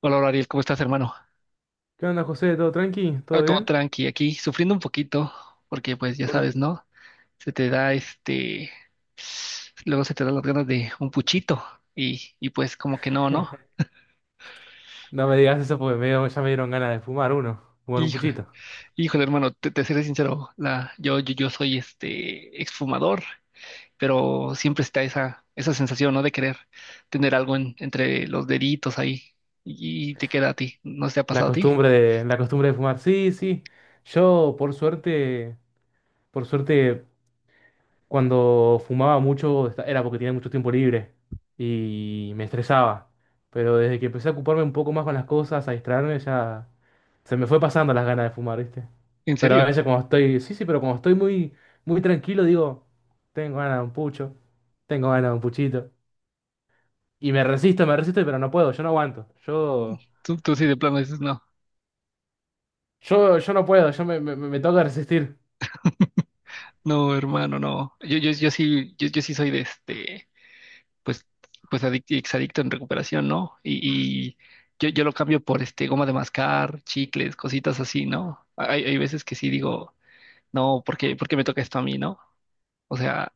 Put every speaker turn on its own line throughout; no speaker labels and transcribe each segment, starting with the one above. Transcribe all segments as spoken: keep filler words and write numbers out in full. Hola, Ariel, ¿cómo estás, hermano?
¿Qué onda, José? ¿Todo tranqui?
Ah,
¿Todo
todo
bien?
tranqui aquí, sufriendo un poquito, porque pues ya
Por-
sabes, ¿no? Se te da, este, luego se te dan las ganas de un puchito y, y pues como que no, ¿no?
No me digas eso porque me ya me dieron ganas de fumar uno, fumar un
Hijo,
puchito.
híjole, hermano, te, te seré sincero, la, yo, yo, yo soy este exfumador, pero siempre está esa, esa sensación, ¿no? De querer tener algo en- entre los deditos ahí, y, y te queda a ti, ¿no se ha
La
pasado a ti?
costumbre de, la costumbre de fumar. Sí, sí. Yo, por suerte, por suerte, cuando fumaba mucho esta- era porque tenía mucho tiempo libre y me estresaba. Pero desde que empecé a ocuparme un poco más con las cosas, a distraerme, ya se me fue pasando las ganas de fumar, ¿viste?
¿En
Pero a
serio?
veces cuando estoy, sí, sí, pero cuando estoy muy, muy tranquilo, digo, tengo ganas de un pucho, tengo ganas de un puchito. Y me resisto, me resisto, pero no puedo, yo no aguanto. Yo,
¿Tú, tú sí de plano dices, no?
yo, yo no puedo, yo me, me, me toca resistir.
No, hermano, no. Yo, yo, yo sí, yo, yo sí soy de, este, pues, pues adicto, exadicto en recuperación, ¿no? Y, y yo, yo lo cambio por este goma de mascar, chicles, cositas así, ¿no? Hay, hay veces que sí digo, no, ¿por qué, por qué me toca esto a mí, no? O sea,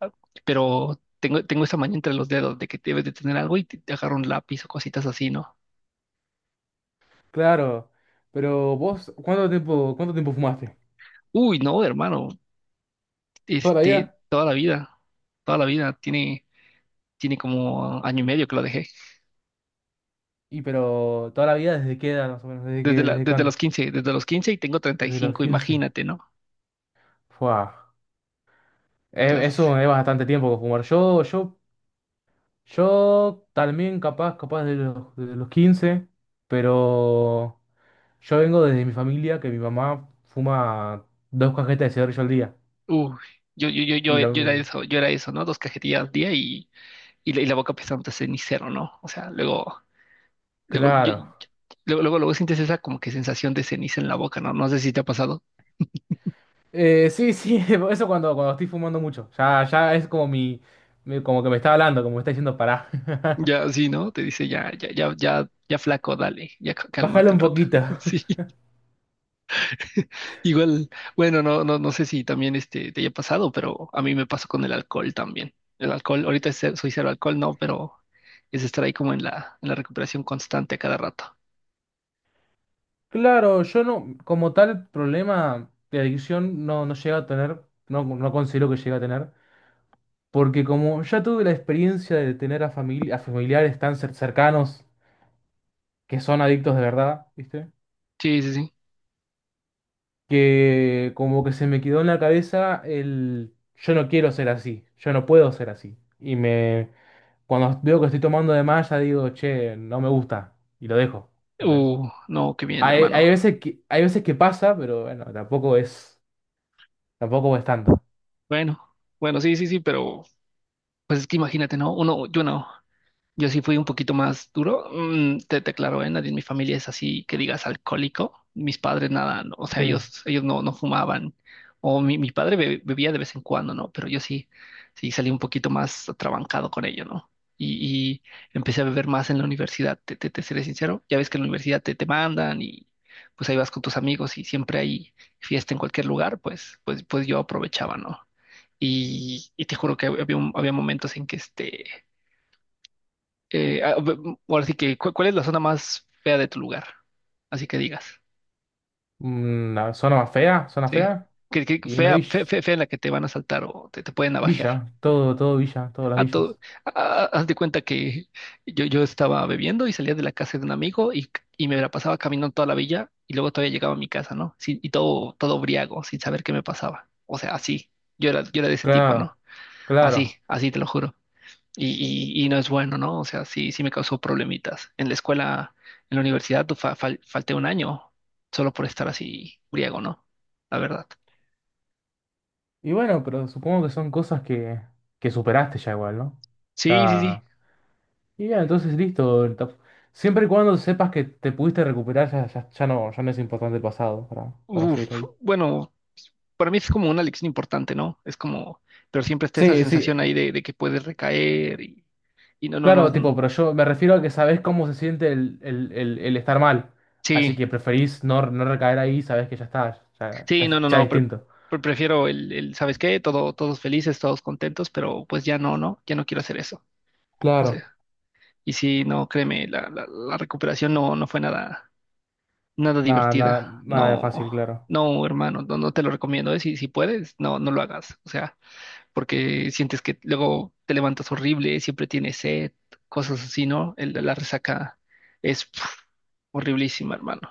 pero tengo, tengo esa maña entre los dedos de que debes de tener algo y te, te agarro un lápiz o cositas así, ¿no?
Claro. Pero vos, ¿cuánto tiempo, cuánto tiempo fumaste?
Uy, no, hermano,
¿Toda la
este,
vida?
toda la vida, toda la vida. Tiene, tiene como año y medio que lo dejé.
Y pero, ¿toda la vida desde qué edad más o menos? ¿Desde
Desde
qué,
la,
desde
desde los
cuándo?
quince desde los quince, y tengo treinta y
Desde los
cinco
quince.
imagínate, ¿no?
Fua.
Ya
Eh,
sé.
Eso es bastante tiempo que fumar. Yo, yo, yo también capaz, capaz de los, de los quince, pero yo vengo desde mi familia, que mi mamá fuma dos cajetas de cigarrillo al día.
Uy, yo, yo, yo, yo,
Y
yo era
lo,
eso, yo era eso, ¿no? Dos cajetillas al día, y, y, la, y la boca pesante de cenicero, ¿no? O sea, luego, luego, yo-
claro.
yo- luego, luego, luego sientes esa como que sensación de ceniza en la boca, ¿no? No sé si te ha pasado.
Eh, sí, sí, eso cuando, cuando estoy fumando mucho. Ya, ya es como mi, mi- como que me está hablando, como me está diciendo pará.
Ya, sí, ¿no? Te dice, ya, ya, ya, ya, ya, flaco, dale, ya c- cálmate
Bájalo
un
un
rato.
poquito.
Sí. Igual, bueno, no, no, no sé si también este te haya pasado, pero a mí me pasó con el alcohol también. El alcohol, ahorita es cero- soy cero alcohol, no, pero es estar ahí como en la, en la recuperación constante a cada rato.
Claro, yo no, como tal problema de adicción no, no llegué a tener, no, no considero que llegué a tener, porque como ya tuve la experiencia de tener a, famili- a familiares tan cer- cercanos que son adictos de verdad, ¿viste?
Sí, sí, sí.
Que como que se me quedó en la cabeza el yo no quiero ser así, yo no puedo ser así. Cuando veo que estoy tomando de más, ya digo, che, no me gusta. Y lo dejo. ¿Entendés?
Uh, no, qué bien,
Hay,
hermano.
hay veces que, hay veces que pasa, pero bueno, tampoco es, tampoco es tanto.
Bueno, bueno, sí, sí, sí, pero pues es que imagínate, ¿no? Uno, yo no. Yo sí fui un poquito más duro. Mm, te, te aclaro, ¿eh? Nadie en mi familia es así que digas alcohólico. Mis padres nada, no, o sea,
Sí.
ellos, ellos no, no fumaban. O mi, mi padre be- bebía de vez en cuando, ¿no? Pero yo sí, sí salí un poquito más atrabancado con ello, ¿no? Y, y empecé a beber más en la universidad, te, te, te seré sincero. Ya ves que en la universidad te, te mandan y pues ahí vas con tus amigos y siempre hay fiesta en cualquier lugar, pues, pues, pues yo aprovechaba, ¿no? Y, y te juro que había, un- había momentos en que, este eh, ah, b- m- ahora sí que, ¿cu- ¿cuál es la zona más fea de tu lugar? Así que digas,
Una zona más fea, zona
¿sí?
fea.
Que, que
Y una
fea,
villa.
fe- fe- fea, en la que te van a saltar o te, te pueden navajear.
Villa, todo, todo villa, todas las
a todo,
villas.
ah, Haz de cuenta que yo, yo estaba bebiendo y salía de la casa de un amigo, y, y me la pasaba caminando toda la villa y luego todavía llegaba a mi casa, ¿no? Sí, y todo, todo briago, sin saber qué me pasaba. O sea, así. Yo era, yo era de ese tipo,
Claro,
¿no? Así,
claro.
así te lo juro. Y, y- y no es bueno, ¿no? O sea, sí, sí me causó problemitas. En la escuela, en la universidad, fa- fal- falté un año solo por estar así griego, ¿no? La verdad.
Y bueno, pero supongo que son cosas que, que superaste ya igual, ¿no?
Sí, sí, sí.
Ya. Y ya, entonces listo. ta- Siempre y cuando sepas que te pudiste recuperar, ya, ya, ya no, ya no es importante el pasado para, para seguir
Uf,
ahí.
bueno, para mí es como una lección importante, ¿no? Es como, pero siempre está esa
Sí, sí,
sensación ahí de, de que puedes recaer, y, y no, no, no.
claro, tipo,
mm,
pero yo me refiero a que sabés cómo se siente el, el, el, el estar mal. Así
Sí,
que preferís no, no recaer ahí, sabés que ya está, ya, ya,
sí,
es-
no, no,
ya es
no. pre-
distinto.
pre- prefiero el, el, ¿sabes qué? Todo, todos felices, todos contentos, pero pues ya no, ¿no? Ya no quiero hacer eso. O
Claro,
sea. Y sí, no, créeme, la, la, la recuperación no, no fue nada, nada
nada, nada,
divertida.
nada de
No,
fácil, claro.
no, hermano, no, no te lo recomiendo, ¿eh? Si, si puedes, no, no lo hagas. O sea, porque sientes que luego te levantas horrible, siempre tienes sed, cosas así, ¿no? El- la resaca es, pf, horriblísima, hermano.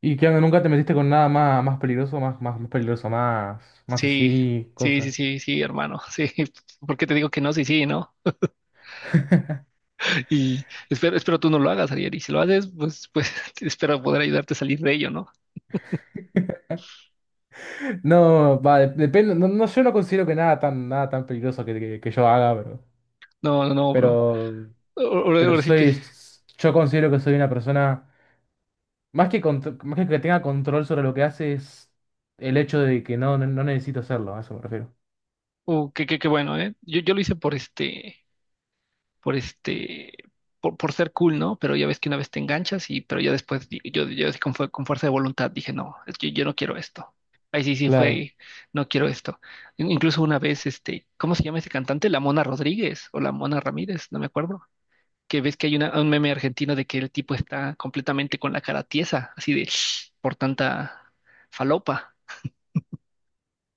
¿Y qué onda? ¿Nunca te metiste con nada más, más peligroso, más, más, más peligroso, más, más
Sí,
así,
sí, sí,
cosa?
sí, sí, hermano. Sí, ¿por qué te digo que no? Sí, sí, ¿no? Y espero, espero tú no lo hagas, Ariel. Y si lo haces, pues, pues, espero poder ayudarte a salir de ello, ¿no?
No, va, de- depende, no, no, yo no considero que nada tan, nada tan peligroso que, que, que yo haga, pero,
No, no, no, bro.
pero,
Ahora,
pero
ahora sí que,
soy, yo considero que soy una persona. Más que, contro- más que que tenga control sobre lo que hace es el hecho de que no, no, no necesito hacerlo, a eso me refiero.
uh, que, que- que bueno, ¿eh? Yo, yo lo hice por este, por este, por, por ser cool, ¿no? Pero ya ves que una vez te enganchas y, pero ya después, di- yo, yo así con, fue- con fuerza de voluntad dije, no, es que yo, no quiero esto. Ahí sí, sí
Claro.
fue, no quiero esto. In- Incluso una vez, este, ¿cómo se llama ese cantante? La Mona Rodríguez o la Mona Ramírez, no me acuerdo. Que ves que hay una- un meme argentino de que el tipo está completamente con la cara tiesa, así de, por tanta falopa.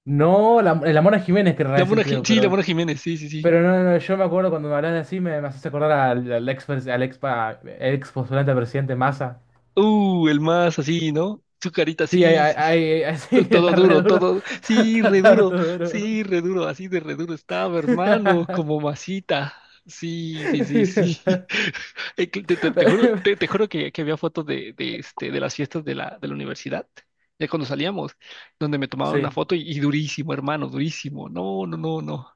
No, la, la Mona Jiménez querrá
La
decir,
Mona, Ji-
creo,
sí, la
pero,
Mona Jiménez, sí, sí, sí.
pero no, no, yo me acuerdo cuando me hablas así, me, me haces acordar al, al ex, pres- al ex, pa- ex postulante a presidente Massa.
Uh, el más así, ¿no? Su carita
Sí, ahí,
así, sí,
ahí, ahí-
to-
sí, está
todo
re
duro,
duro.
todo,
Está,
sí,
está-
re
está
duro,
todo duro.
sí, re duro, así de re duro estaba, hermano, como masita. Sí, sí, sí, sí. Eh, que Te, te- te juro, te, te juro que, que había fotos de, de, este, de las fiestas de la, de la universidad, ya cuando salíamos, donde me tomaban una
Sí,
foto, y, y durísimo, hermano, durísimo. No, no, no, no.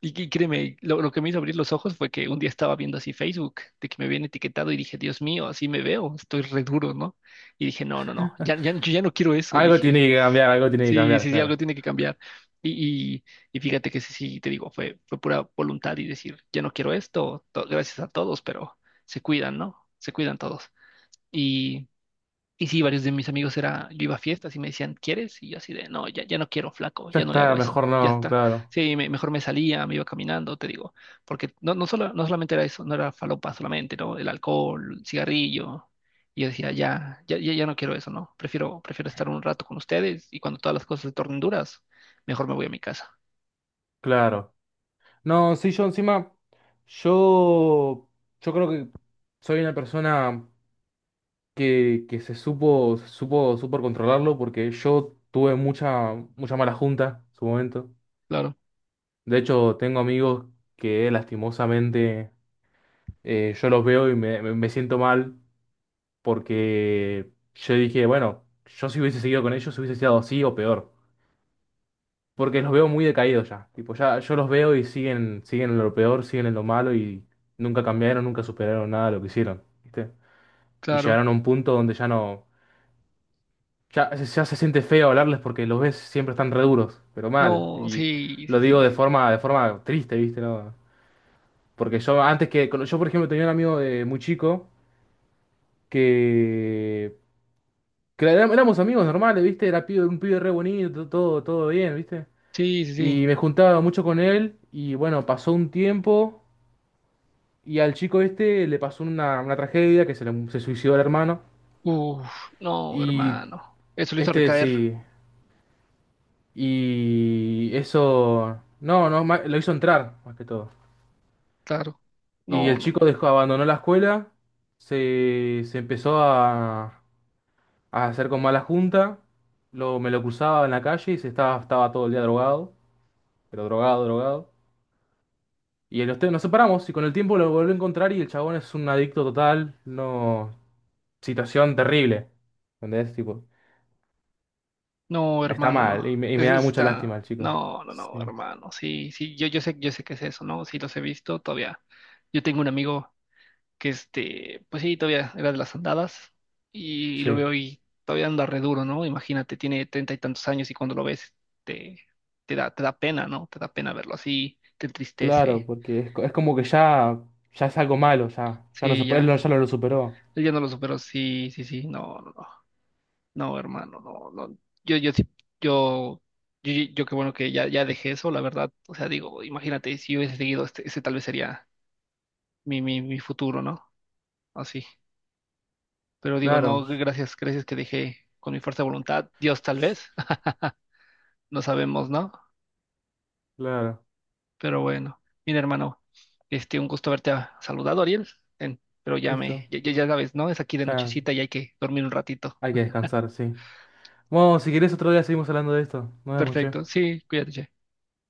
Y, y créeme, lo, lo que me hizo abrir los ojos fue que un día estaba viendo así Facebook, de que me habían etiquetado y dije, Dios mío, así me veo, estoy re duro, ¿no? Y dije, no, no, no, ya, ya, yo ya no quiero eso,
algo
dije,
tiene que cambiar, algo tiene que
sí,
cambiar,
sí, sí, algo
claro.
tiene que cambiar. Y, y, y fíjate que sí, sí, te digo, fue, fue pura voluntad y decir, ya no quiero esto, to- gracias a todos, pero se cuidan, ¿no? Se cuidan todos. Y sí, varios de mis amigos era, yo iba a fiestas y me decían, ¿quieres? Y yo así de, no, ya, ya no quiero, flaco,
Ya
ya no le
está,
hago eso,
mejor
ya
no,
está.
claro,
Sí, me- mejor me salía, me iba caminando, te digo, porque no, no, solo, no solamente era eso, no era falopa solamente, ¿no? El alcohol, el cigarrillo. Y yo decía, ya, ya, ya, ya no quiero eso, ¿no? Prefiero, prefiero estar un rato con ustedes, y cuando todas las cosas se tornen duras, mejor me voy a mi casa.
claro. No, sí, yo encima, yo, yo creo que soy una persona que, que se supo, se supo, supo controlarlo porque yo tuve mucha, mucha mala junta en su momento.
Claro,
De hecho, tengo amigos que lastimosamente eh, yo los veo y me, me- me siento mal porque yo dije, bueno, yo si hubiese seguido con ellos hubiese sido así o peor. Porque los veo muy decaídos ya. Tipo, ya yo los veo y siguen, siguen en lo peor, siguen en lo malo y nunca cambiaron, nunca superaron nada de lo que hicieron, ¿viste? Y
claro.
llegaron a un punto donde ya no. Ya, se ya se siente feo hablarles porque los ves siempre están re duros, pero mal.
No,
Y
sí,
lo
sí,
digo
sí.
de forma, de forma triste, ¿viste? ¿No? Porque yo antes que. cuando- Yo, por ejemplo, tenía un amigo de muy chico que. Que era- éramos amigos normales, ¿viste? Era pibe- un pibe re bonito, todo, todo bien, ¿viste?
Sí, sí, sí.
Y me juntaba mucho con él y bueno, pasó un tiempo. Y al chico este le pasó una, una tragedia que se, le- se suicidó el hermano.
Uf, no,
Y
hermano. Eso lo hizo
este
recaer,
sí. Y eso. No, no, ma- lo hizo entrar, más que todo.
claro.
Y
No,
el
no, no.
chico dejó, abandonó la escuela. Se, se empezó a, a hacer con mala junta. Lo, me lo cruzaba en la calle y se estaba, estaba todo el día drogado. Pero drogado, drogado. Y en los te- nos separamos y con el tiempo lo volví a encontrar y el chabón es un adicto total. No. Situación terrible. ¿Entendés? Tipo.
No,
Está
hermano, no.
mal y me, y me
Es
da
es-
mucha lástima
está.
el chico.
No, no, no,
Sí,
hermano. Sí, sí, yo, yo sé, yo sé que es eso, ¿no? Sí, los he visto todavía. Yo tengo un amigo que, este, pues sí, todavía era de las andadas, y lo
sí.
veo y todavía anda re duro, ¿no? Imagínate, tiene treinta y tantos años, y cuando lo ves, te, te da, te da pena, ¿no? Te da pena verlo así, te
Claro,
entristece.
porque es, co- es como que ya, ya es algo malo, ya. Ya no se
Sí,
puede, él no-
ya.
ya no lo superó.
Él ya no lo superó. Sí, sí, sí. No, no, no. No, hermano, no, no. Yo, yo sí, yo, yo, yo yo qué bueno que ya, ya dejé eso, la verdad. O sea, digo, imagínate, si yo hubiese seguido, este, ese tal vez sería mi, mi, mi futuro, ¿no? Así. Pero digo,
Claro,
no, gracias, gracias que dejé con mi fuerza de voluntad. Dios tal vez, no sabemos, ¿no?
claro.
Pero bueno, mira, hermano, este, un gusto haberte ah, saludado, Ariel. Ten, pero ya me,
Listo.
ya, ya ya sabes, ¿no? Es aquí de
Ya
nochecita y hay que dormir un ratito.
hay que descansar, sí. Bueno, si querés otro día seguimos hablando de esto. Nos vemos, che.
Perfecto, sí, cuídate. che.